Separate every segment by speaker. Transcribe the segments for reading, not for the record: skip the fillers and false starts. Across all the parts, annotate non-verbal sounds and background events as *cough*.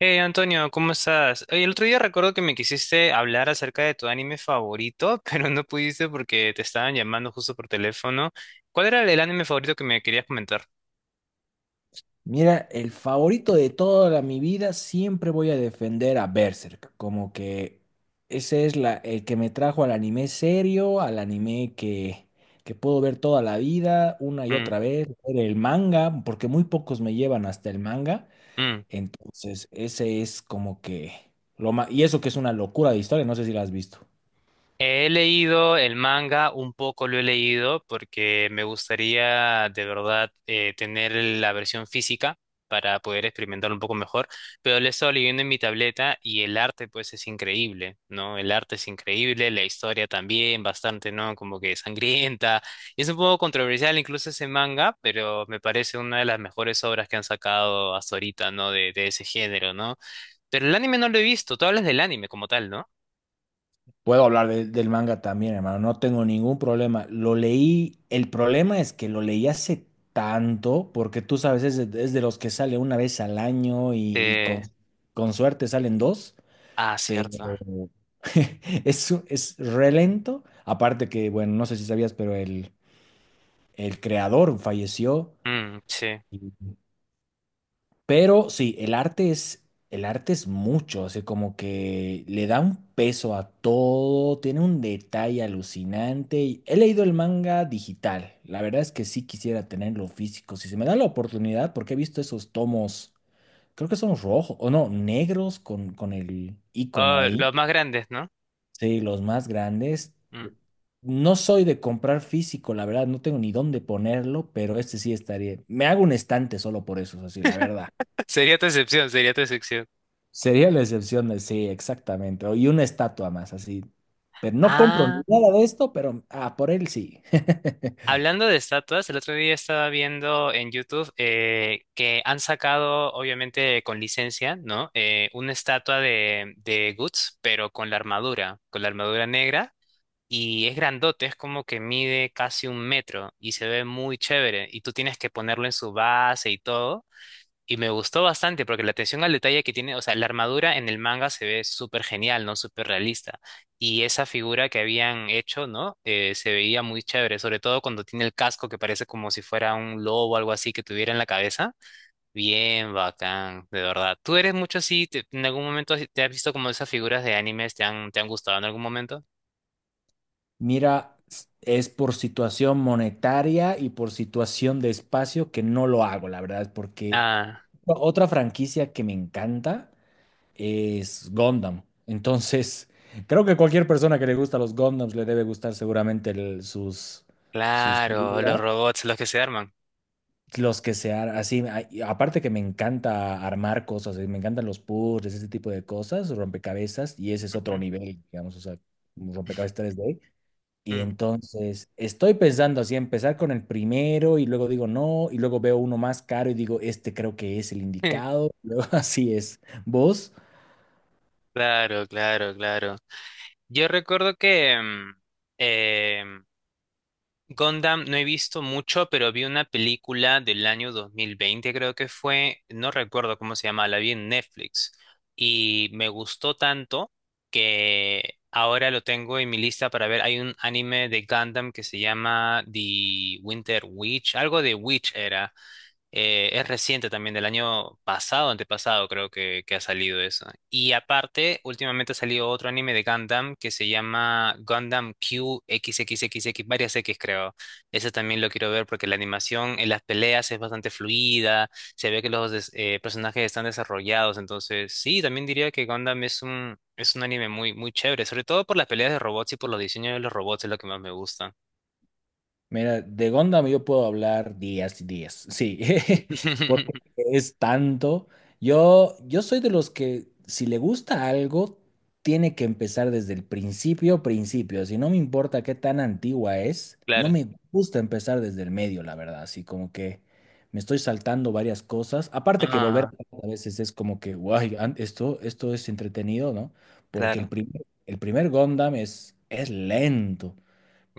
Speaker 1: Hey Antonio, ¿cómo estás? Oye, el otro día recuerdo que me quisiste hablar acerca de tu anime favorito, *laughs* pero no pudiste porque te estaban llamando justo por teléfono. ¿Cuál era el anime favorito que me querías comentar?
Speaker 2: Mira, el favorito de mi vida, siempre voy a defender a Berserk. Como que ese es el que me trajo al anime serio, al anime que puedo ver toda la vida, una y
Speaker 1: Mm,
Speaker 2: otra vez, leer el manga, porque muy pocos me llevan hasta el manga.
Speaker 1: mm.
Speaker 2: Entonces, ese es como que y eso que es una locura de historia, no sé si la has visto.
Speaker 1: He leído el manga, un poco lo he leído porque me gustaría de verdad tener la versión física para poder experimentar un poco mejor, pero lo he estado leyendo en mi tableta y el arte pues es increíble, ¿no? El arte es increíble, la historia también, bastante, ¿no? Como que sangrienta. Y es un poco controversial incluso ese manga, pero me parece una de las mejores obras que han sacado hasta ahorita, ¿no? De ese género, ¿no? Pero el anime no lo he visto, tú hablas del anime como tal, ¿no?
Speaker 2: Puedo hablar del manga también, hermano, no tengo ningún problema. Lo leí, el problema es que lo leí hace tanto, porque tú sabes, es de los que sale una vez al año
Speaker 1: Eh,
Speaker 2: con suerte salen dos,
Speaker 1: Ah,
Speaker 2: pero
Speaker 1: cierto.
Speaker 2: *laughs* es re lento. Aparte que, bueno, no sé si sabías, pero el creador falleció.
Speaker 1: Mm, sí.
Speaker 2: Pero sí, el arte es mucho, así como que le da un peso a todo, tiene un detalle alucinante. He leído el manga digital, la verdad es que sí quisiera tenerlo físico, si se me da la oportunidad, porque he visto esos tomos, creo que son rojos, o no, negros con el icono
Speaker 1: Oh,
Speaker 2: ahí,
Speaker 1: los más grandes, ¿no?
Speaker 2: sí, los más grandes.
Speaker 1: Mm.
Speaker 2: No soy de comprar físico, la verdad, no tengo ni dónde ponerlo, pero este sí estaría. Me hago un estante solo por eso, así, la verdad.
Speaker 1: *laughs* Sería tu excepción, sería tu excepción.
Speaker 2: Sería la excepción de sí, exactamente. Y una estatua más, así. Pero no compro
Speaker 1: Ah,
Speaker 2: nada de esto, pero ah, por él sí. *laughs*
Speaker 1: hablando de estatuas, el otro día estaba viendo en YouTube que han sacado, obviamente con licencia, ¿no? Una estatua de Guts, pero con la armadura negra. Y es grandote, es como que mide casi un metro y se ve muy chévere. Y tú tienes que ponerlo en su base y todo. Y me gustó bastante porque la atención al detalle que tiene, o sea, la armadura en el manga se ve súper genial, ¿no? Súper realista. Y esa figura que habían hecho, ¿no? Se veía muy chévere, sobre todo cuando tiene el casco que parece como si fuera un lobo o algo así que tuviera en la cabeza. Bien bacán, de verdad. ¿Tú eres mucho así? ¿En algún momento te has visto como esas figuras de animes? ¿Te han gustado en algún momento?
Speaker 2: Mira, es por situación monetaria y por situación de espacio que no lo hago, la verdad, porque
Speaker 1: Ah,
Speaker 2: otra franquicia que me encanta es Gundam. Entonces, creo que cualquier persona que le gusta los Gundams le debe gustar seguramente sus
Speaker 1: claro, los
Speaker 2: figuras.
Speaker 1: robots, los que se arman.
Speaker 2: Los que así, y aparte que me encanta armar cosas, me encantan los puzzles, ese tipo de cosas, rompecabezas, y ese es otro
Speaker 1: Ujú,
Speaker 2: nivel, digamos, o sea, un rompecabezas 3D. Y
Speaker 1: mm.
Speaker 2: entonces estoy pensando así, empezar con el primero y luego digo no, y luego veo uno más caro y digo, este creo que es el
Speaker 1: *laughs*
Speaker 2: indicado, *laughs* luego así es. ¿Vos?
Speaker 1: Claro, claro, claro. Yo recuerdo que eh, Gundam no he visto mucho, pero vi una película del año 2020, creo que fue, no recuerdo cómo se llamaba, la vi en Netflix y me gustó tanto que ahora lo tengo en mi lista para ver. Hay un anime de Gundam que se llama The Winter Witch, algo de Witch era. Es reciente también, del año pasado, antepasado creo que ha salido eso. Y aparte, últimamente ha salido otro anime de Gundam que se llama Gundam Q x x x x varias X creo. Ese también lo quiero ver porque la animación en las peleas es bastante fluida, se ve que los personajes están desarrollados, entonces sí, también diría que Gundam es un anime muy, muy chévere, sobre todo por las peleas de robots y por los diseños de los robots es lo que más me gusta.
Speaker 2: Mira, de Gundam yo puedo hablar días y días, sí, *laughs* porque
Speaker 1: *laughs*
Speaker 2: es tanto. Yo soy de los que si le gusta algo, tiene que empezar desde el principio, principio. Si no me importa qué tan antigua es, no
Speaker 1: Claro.
Speaker 2: me gusta empezar desde el medio, la verdad, así como que me estoy saltando varias cosas. Aparte que volver
Speaker 1: Ah,
Speaker 2: a veces es como que, guay, esto, esto es entretenido, ¿no? Porque
Speaker 1: claro.
Speaker 2: el primer Gundam es lento,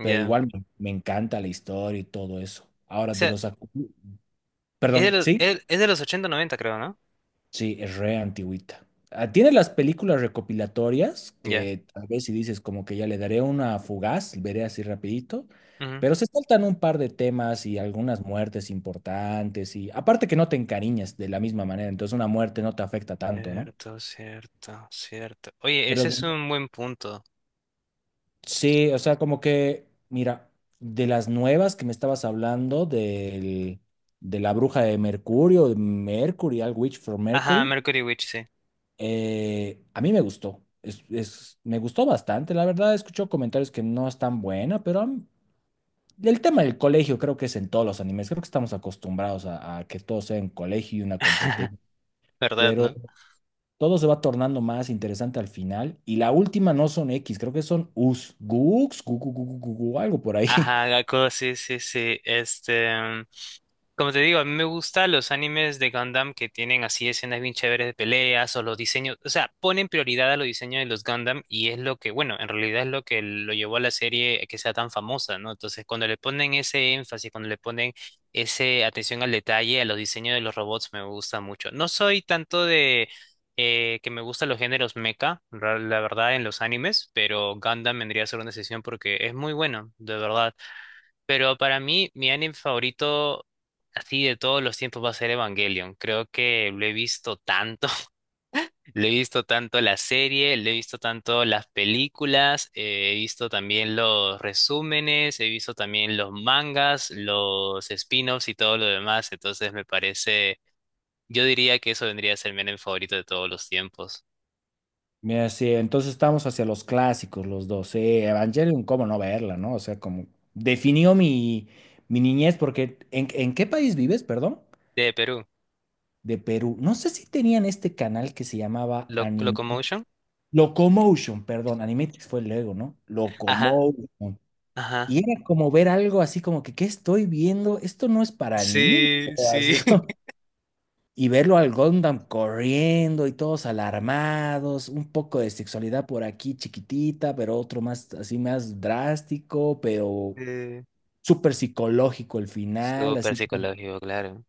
Speaker 2: pero igual me encanta la historia y todo eso. Ahora, de los...
Speaker 1: Es de
Speaker 2: Perdón,
Speaker 1: los,
Speaker 2: ¿sí?
Speaker 1: es, es de los ochenta noventa creo, ¿no?
Speaker 2: Sí, es re antigüita. Ah, tiene las películas recopilatorias
Speaker 1: Ya.
Speaker 2: que tal vez si dices como que ya le daré una fugaz, veré así rapidito,
Speaker 1: Ujú.
Speaker 2: pero se saltan un par de temas y algunas muertes importantes y aparte que no te encariñas de la misma manera, entonces una muerte no te afecta tanto, ¿no?
Speaker 1: Cierto, cierto, cierto. Oye,
Speaker 2: Pero
Speaker 1: ese
Speaker 2: de
Speaker 1: es un buen punto.
Speaker 2: sí, o sea, como que, mira, de las nuevas que me estabas hablando, de la bruja de Mercurio, de Mercury, All Witch for
Speaker 1: Ajá,
Speaker 2: Mercury,
Speaker 1: Mercury Witch, sí.
Speaker 2: a mí me gustó. Me gustó bastante, la verdad, escucho comentarios que no es tan buena, pero el tema del colegio creo que es en todos los animes, creo que estamos acostumbrados a que todo sea en colegio y una
Speaker 1: *laughs*
Speaker 2: competencia,
Speaker 1: ¿Verdad,
Speaker 2: pero
Speaker 1: no?
Speaker 2: todo se va tornando más interesante al final, y la última no son X, creo que son Us, Gux, algo por ahí.
Speaker 1: Ajá, Gaku, sí, sí, sí. Este. Como te digo, a mí me gustan los animes de Gundam que tienen así escenas bien chéveres de peleas o los diseños, o sea, ponen prioridad a los diseños de los Gundam y es lo que, bueno, en realidad es lo que lo llevó a la serie a que sea tan famosa, ¿no? Entonces, cuando le ponen ese énfasis, cuando le ponen ese atención al detalle, a los diseños de los robots, me gusta mucho. No soy tanto de que me gustan los géneros mecha, la verdad, en los animes, pero Gundam vendría a ser una excepción porque es muy bueno, de verdad. Pero para mí, mi anime favorito así de todos los tiempos va a ser Evangelion. Creo que lo he visto tanto, *laughs* lo he visto tanto la serie, lo he visto tanto las películas, he visto también los resúmenes, he visto también los mangas, los spin-offs y todo lo demás. Entonces me parece, yo diría que eso vendría a ser mi anime favorito de todos los tiempos.
Speaker 2: Mira, sí, entonces estamos hacia los clásicos, los dos. Sí, Evangelion, cómo no verla, ¿no? O sea, como definió mi niñez, porque en qué país vives, perdón?
Speaker 1: De Perú,
Speaker 2: De Perú. No sé si tenían este canal que se llamaba Anime.
Speaker 1: Locomotion.
Speaker 2: Locomotion, perdón, Animatrix fue luego, ¿no?
Speaker 1: Ajá,
Speaker 2: Locomotion. Y
Speaker 1: ajá.
Speaker 2: era como ver algo así como que, ¿qué estoy viendo? Esto no es para niños.
Speaker 1: Sí,
Speaker 2: O
Speaker 1: sí.
Speaker 2: así.
Speaker 1: *laughs*
Speaker 2: Y verlo al Gundam corriendo y todos alarmados, un poco de sexualidad por aquí chiquitita, pero otro más así más drástico, pero
Speaker 1: Eh,
Speaker 2: súper psicológico el final,
Speaker 1: Súper
Speaker 2: así como
Speaker 1: psicológico, claro.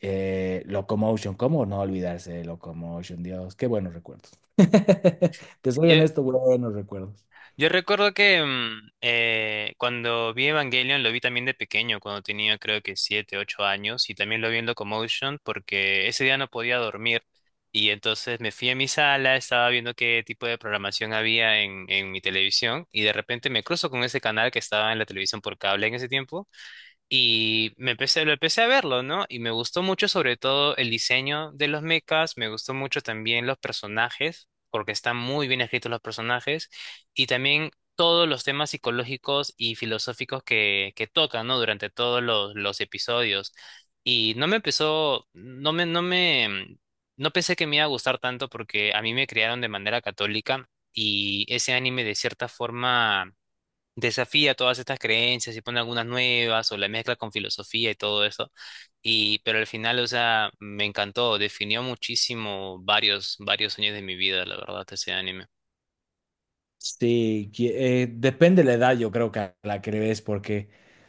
Speaker 2: Locomotion, ¿cómo no olvidarse de Locomotion? Dios, qué buenos recuerdos. *laughs* Te soy
Speaker 1: Yo,
Speaker 2: honesto, buenos recuerdos.
Speaker 1: Yo recuerdo que cuando vi Evangelion lo vi también de pequeño, cuando tenía creo que 7, 8 años, y también lo vi en Locomotion porque ese día no podía dormir. Y entonces me fui a mi sala, estaba viendo qué tipo de programación había en mi televisión, y de repente me cruzo con ese canal que estaba en la televisión por cable en ese tiempo. Y lo empecé a verlo, ¿no? Y me gustó mucho sobre todo el diseño de los mechas, me gustó mucho también los personajes, porque están muy bien escritos los personajes, y también todos los temas psicológicos y filosóficos que tocan, ¿no? Durante todos los episodios. Y no me empezó, no me, no me, no pensé que me iba a gustar tanto porque a mí me criaron de manera católica y ese anime de cierta forma desafía todas estas creencias y pone algunas nuevas o la mezcla con filosofía y todo eso. Pero al final, o sea, me encantó, definió muchísimo varios, varios años de mi vida, la verdad, ese anime.
Speaker 2: Sí, depende la edad, yo creo que a la que le ves, porque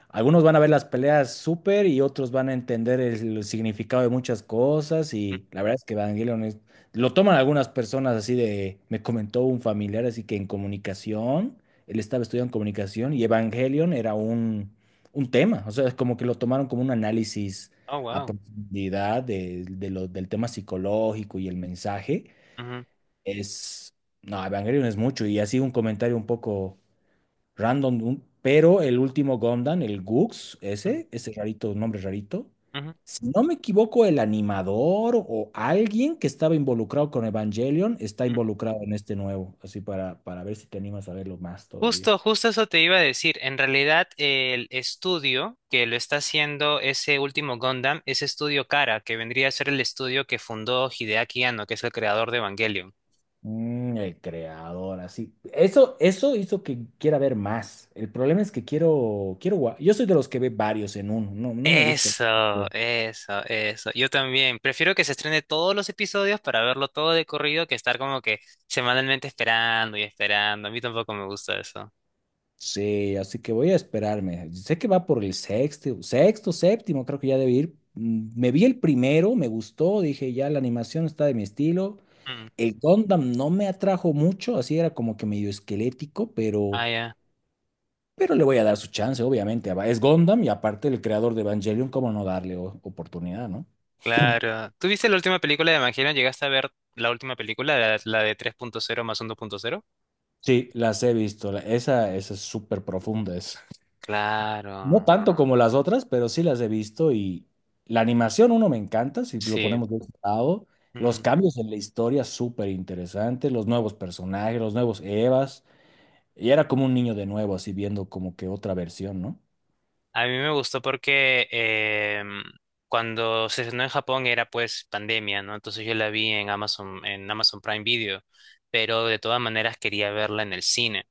Speaker 2: algunos van a ver las peleas súper y otros van a entender significado de muchas cosas.
Speaker 1: Mm,
Speaker 2: Y la verdad es que lo toman algunas personas así de. Me comentó un familiar, así que en comunicación, él estaba estudiando comunicación y Evangelion era un tema. O sea, es como que lo tomaron como un análisis
Speaker 1: Oh,
Speaker 2: a
Speaker 1: wow.
Speaker 2: profundidad del tema psicológico y el mensaje.
Speaker 1: Ujú,
Speaker 2: Es, no, Evangelion es mucho y así un comentario un poco random, pero el último Gundam, el Gux,
Speaker 1: ujú,
Speaker 2: ese rarito, nombre rarito,
Speaker 1: ujú,
Speaker 2: si no me equivoco, el animador o alguien que estaba involucrado con Evangelion está
Speaker 1: ujú.
Speaker 2: involucrado en este nuevo, así para ver si te animas a verlo más todavía.
Speaker 1: Justo, justo eso te iba a decir. En realidad, el estudio que lo está haciendo ese último Gundam es Estudio Kara, que vendría a ser el estudio que fundó Hideaki Anno, que es el creador de Evangelion.
Speaker 2: Mm, el creador, así. Eso hizo que quiera ver más. El problema es que yo soy de los que ve varios en uno, no me gusta.
Speaker 1: Eso, eso, eso. Yo también. Prefiero que se estrene todos los episodios para verlo todo de corrido que estar como que semanalmente esperando y esperando. A mí tampoco me gusta eso.
Speaker 2: Sí, así que voy a esperarme. Sé que va por el sexto, séptimo, creo que ya debe ir. Mm, me vi el primero, me gustó, dije ya la animación está de mi estilo.
Speaker 1: Mm.
Speaker 2: El Gundam no me atrajo mucho, así era como que medio esquelético,
Speaker 1: Ah, ya.
Speaker 2: pero le voy a dar su chance, obviamente. Es Gundam y aparte el creador de Evangelion, ¿cómo no darle oportunidad, no? *clears throat* *laughs*
Speaker 1: Claro. ¿Tú viste la última película de Evangelion? ¿Llegaste a ver la última película, la de 3.0+1.0?
Speaker 2: Sí, las he visto. Esa, esa es súper profunda. Es. No
Speaker 1: Claro.
Speaker 2: tanto como las otras, pero sí las he visto y la animación, uno me encanta, si lo
Speaker 1: Sí.
Speaker 2: ponemos de ese lado. Los
Speaker 1: Mm.
Speaker 2: cambios en la historia, súper interesantes, los nuevos personajes, los nuevos Evas. Y era como un niño de nuevo, así viendo como que otra versión, ¿no?
Speaker 1: A mí me gustó porque cuando se estrenó en Japón era pues pandemia, ¿no? Entonces yo la vi en Amazon Prime Video, pero de todas maneras quería verla en el cine.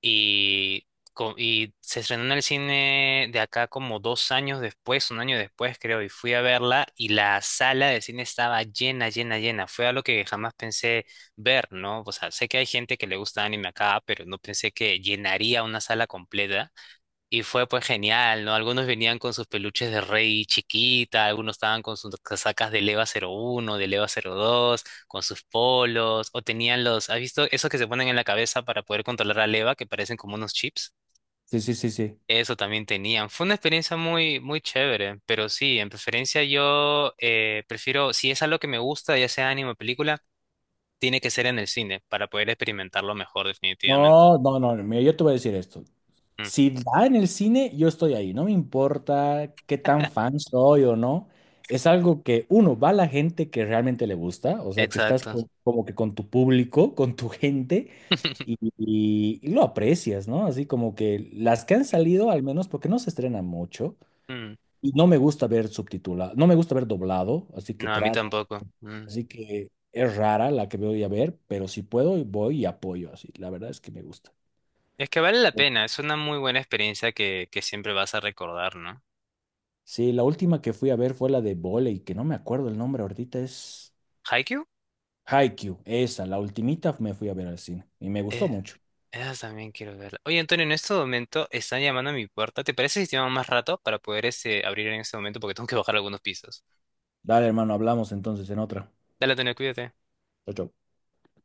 Speaker 1: Y, y se estrenó en el cine de acá como 2 años después, un año después creo, y fui a verla y la sala de cine estaba llena, llena, llena. Fue algo que jamás pensé ver, ¿no? O sea, sé que hay gente que le gusta anime acá, pero no pensé que llenaría una sala completa. Y fue pues genial, ¿no? Algunos venían con sus peluches de Rey chiquita, algunos estaban con sus casacas de Leva 01 de Leva 02 con sus polos, o tenían los, ¿has visto esos que se ponen en la cabeza para poder controlar a Leva, que parecen como unos chips?
Speaker 2: Sí, sí, sí, sí.
Speaker 1: Eso también tenían. Fue una experiencia muy, muy chévere, pero sí, en preferencia yo prefiero, si es algo que me gusta, ya sea anime o película, tiene que ser en el cine para poder experimentarlo mejor, definitivamente.
Speaker 2: No, no, no, mira, yo te voy a decir esto.
Speaker 1: Mm,
Speaker 2: Si da en el cine, yo estoy ahí. No me importa qué tan fan soy o no. Es algo que, uno, va a la gente que realmente le gusta, o sea, que estás
Speaker 1: exacto.
Speaker 2: como que con tu público, con tu gente.
Speaker 1: *laughs*
Speaker 2: Y lo aprecias, ¿no? Así como que las que han salido, al menos porque no se estrenan mucho,
Speaker 1: Mm,
Speaker 2: y no me gusta ver subtitulado, no me gusta ver doblado, así que
Speaker 1: No, a mí tampoco. Mm.
Speaker 2: así que es rara la que voy a ver, pero si puedo voy y apoyo, así, la verdad es que me gusta.
Speaker 1: Es que vale la pena, es una muy buena experiencia que siempre vas a recordar, ¿no?
Speaker 2: Sí, la última que fui a ver fue la de voley, que no me acuerdo el nombre ahorita, es
Speaker 1: ¿Haikyuu?
Speaker 2: Haikyuu, esa, la ultimita me fui a ver al cine y me gustó
Speaker 1: Eh,
Speaker 2: mucho.
Speaker 1: esa también quiero verla. Oye, Antonio, en este momento están llamando a mi puerta. ¿Te parece si te llamo más rato para poder abrir en este momento? Porque tengo que bajar algunos pisos.
Speaker 2: Dale, hermano, hablamos entonces en otra.
Speaker 1: Dale, Antonio, cuídate.
Speaker 2: Chau, chau.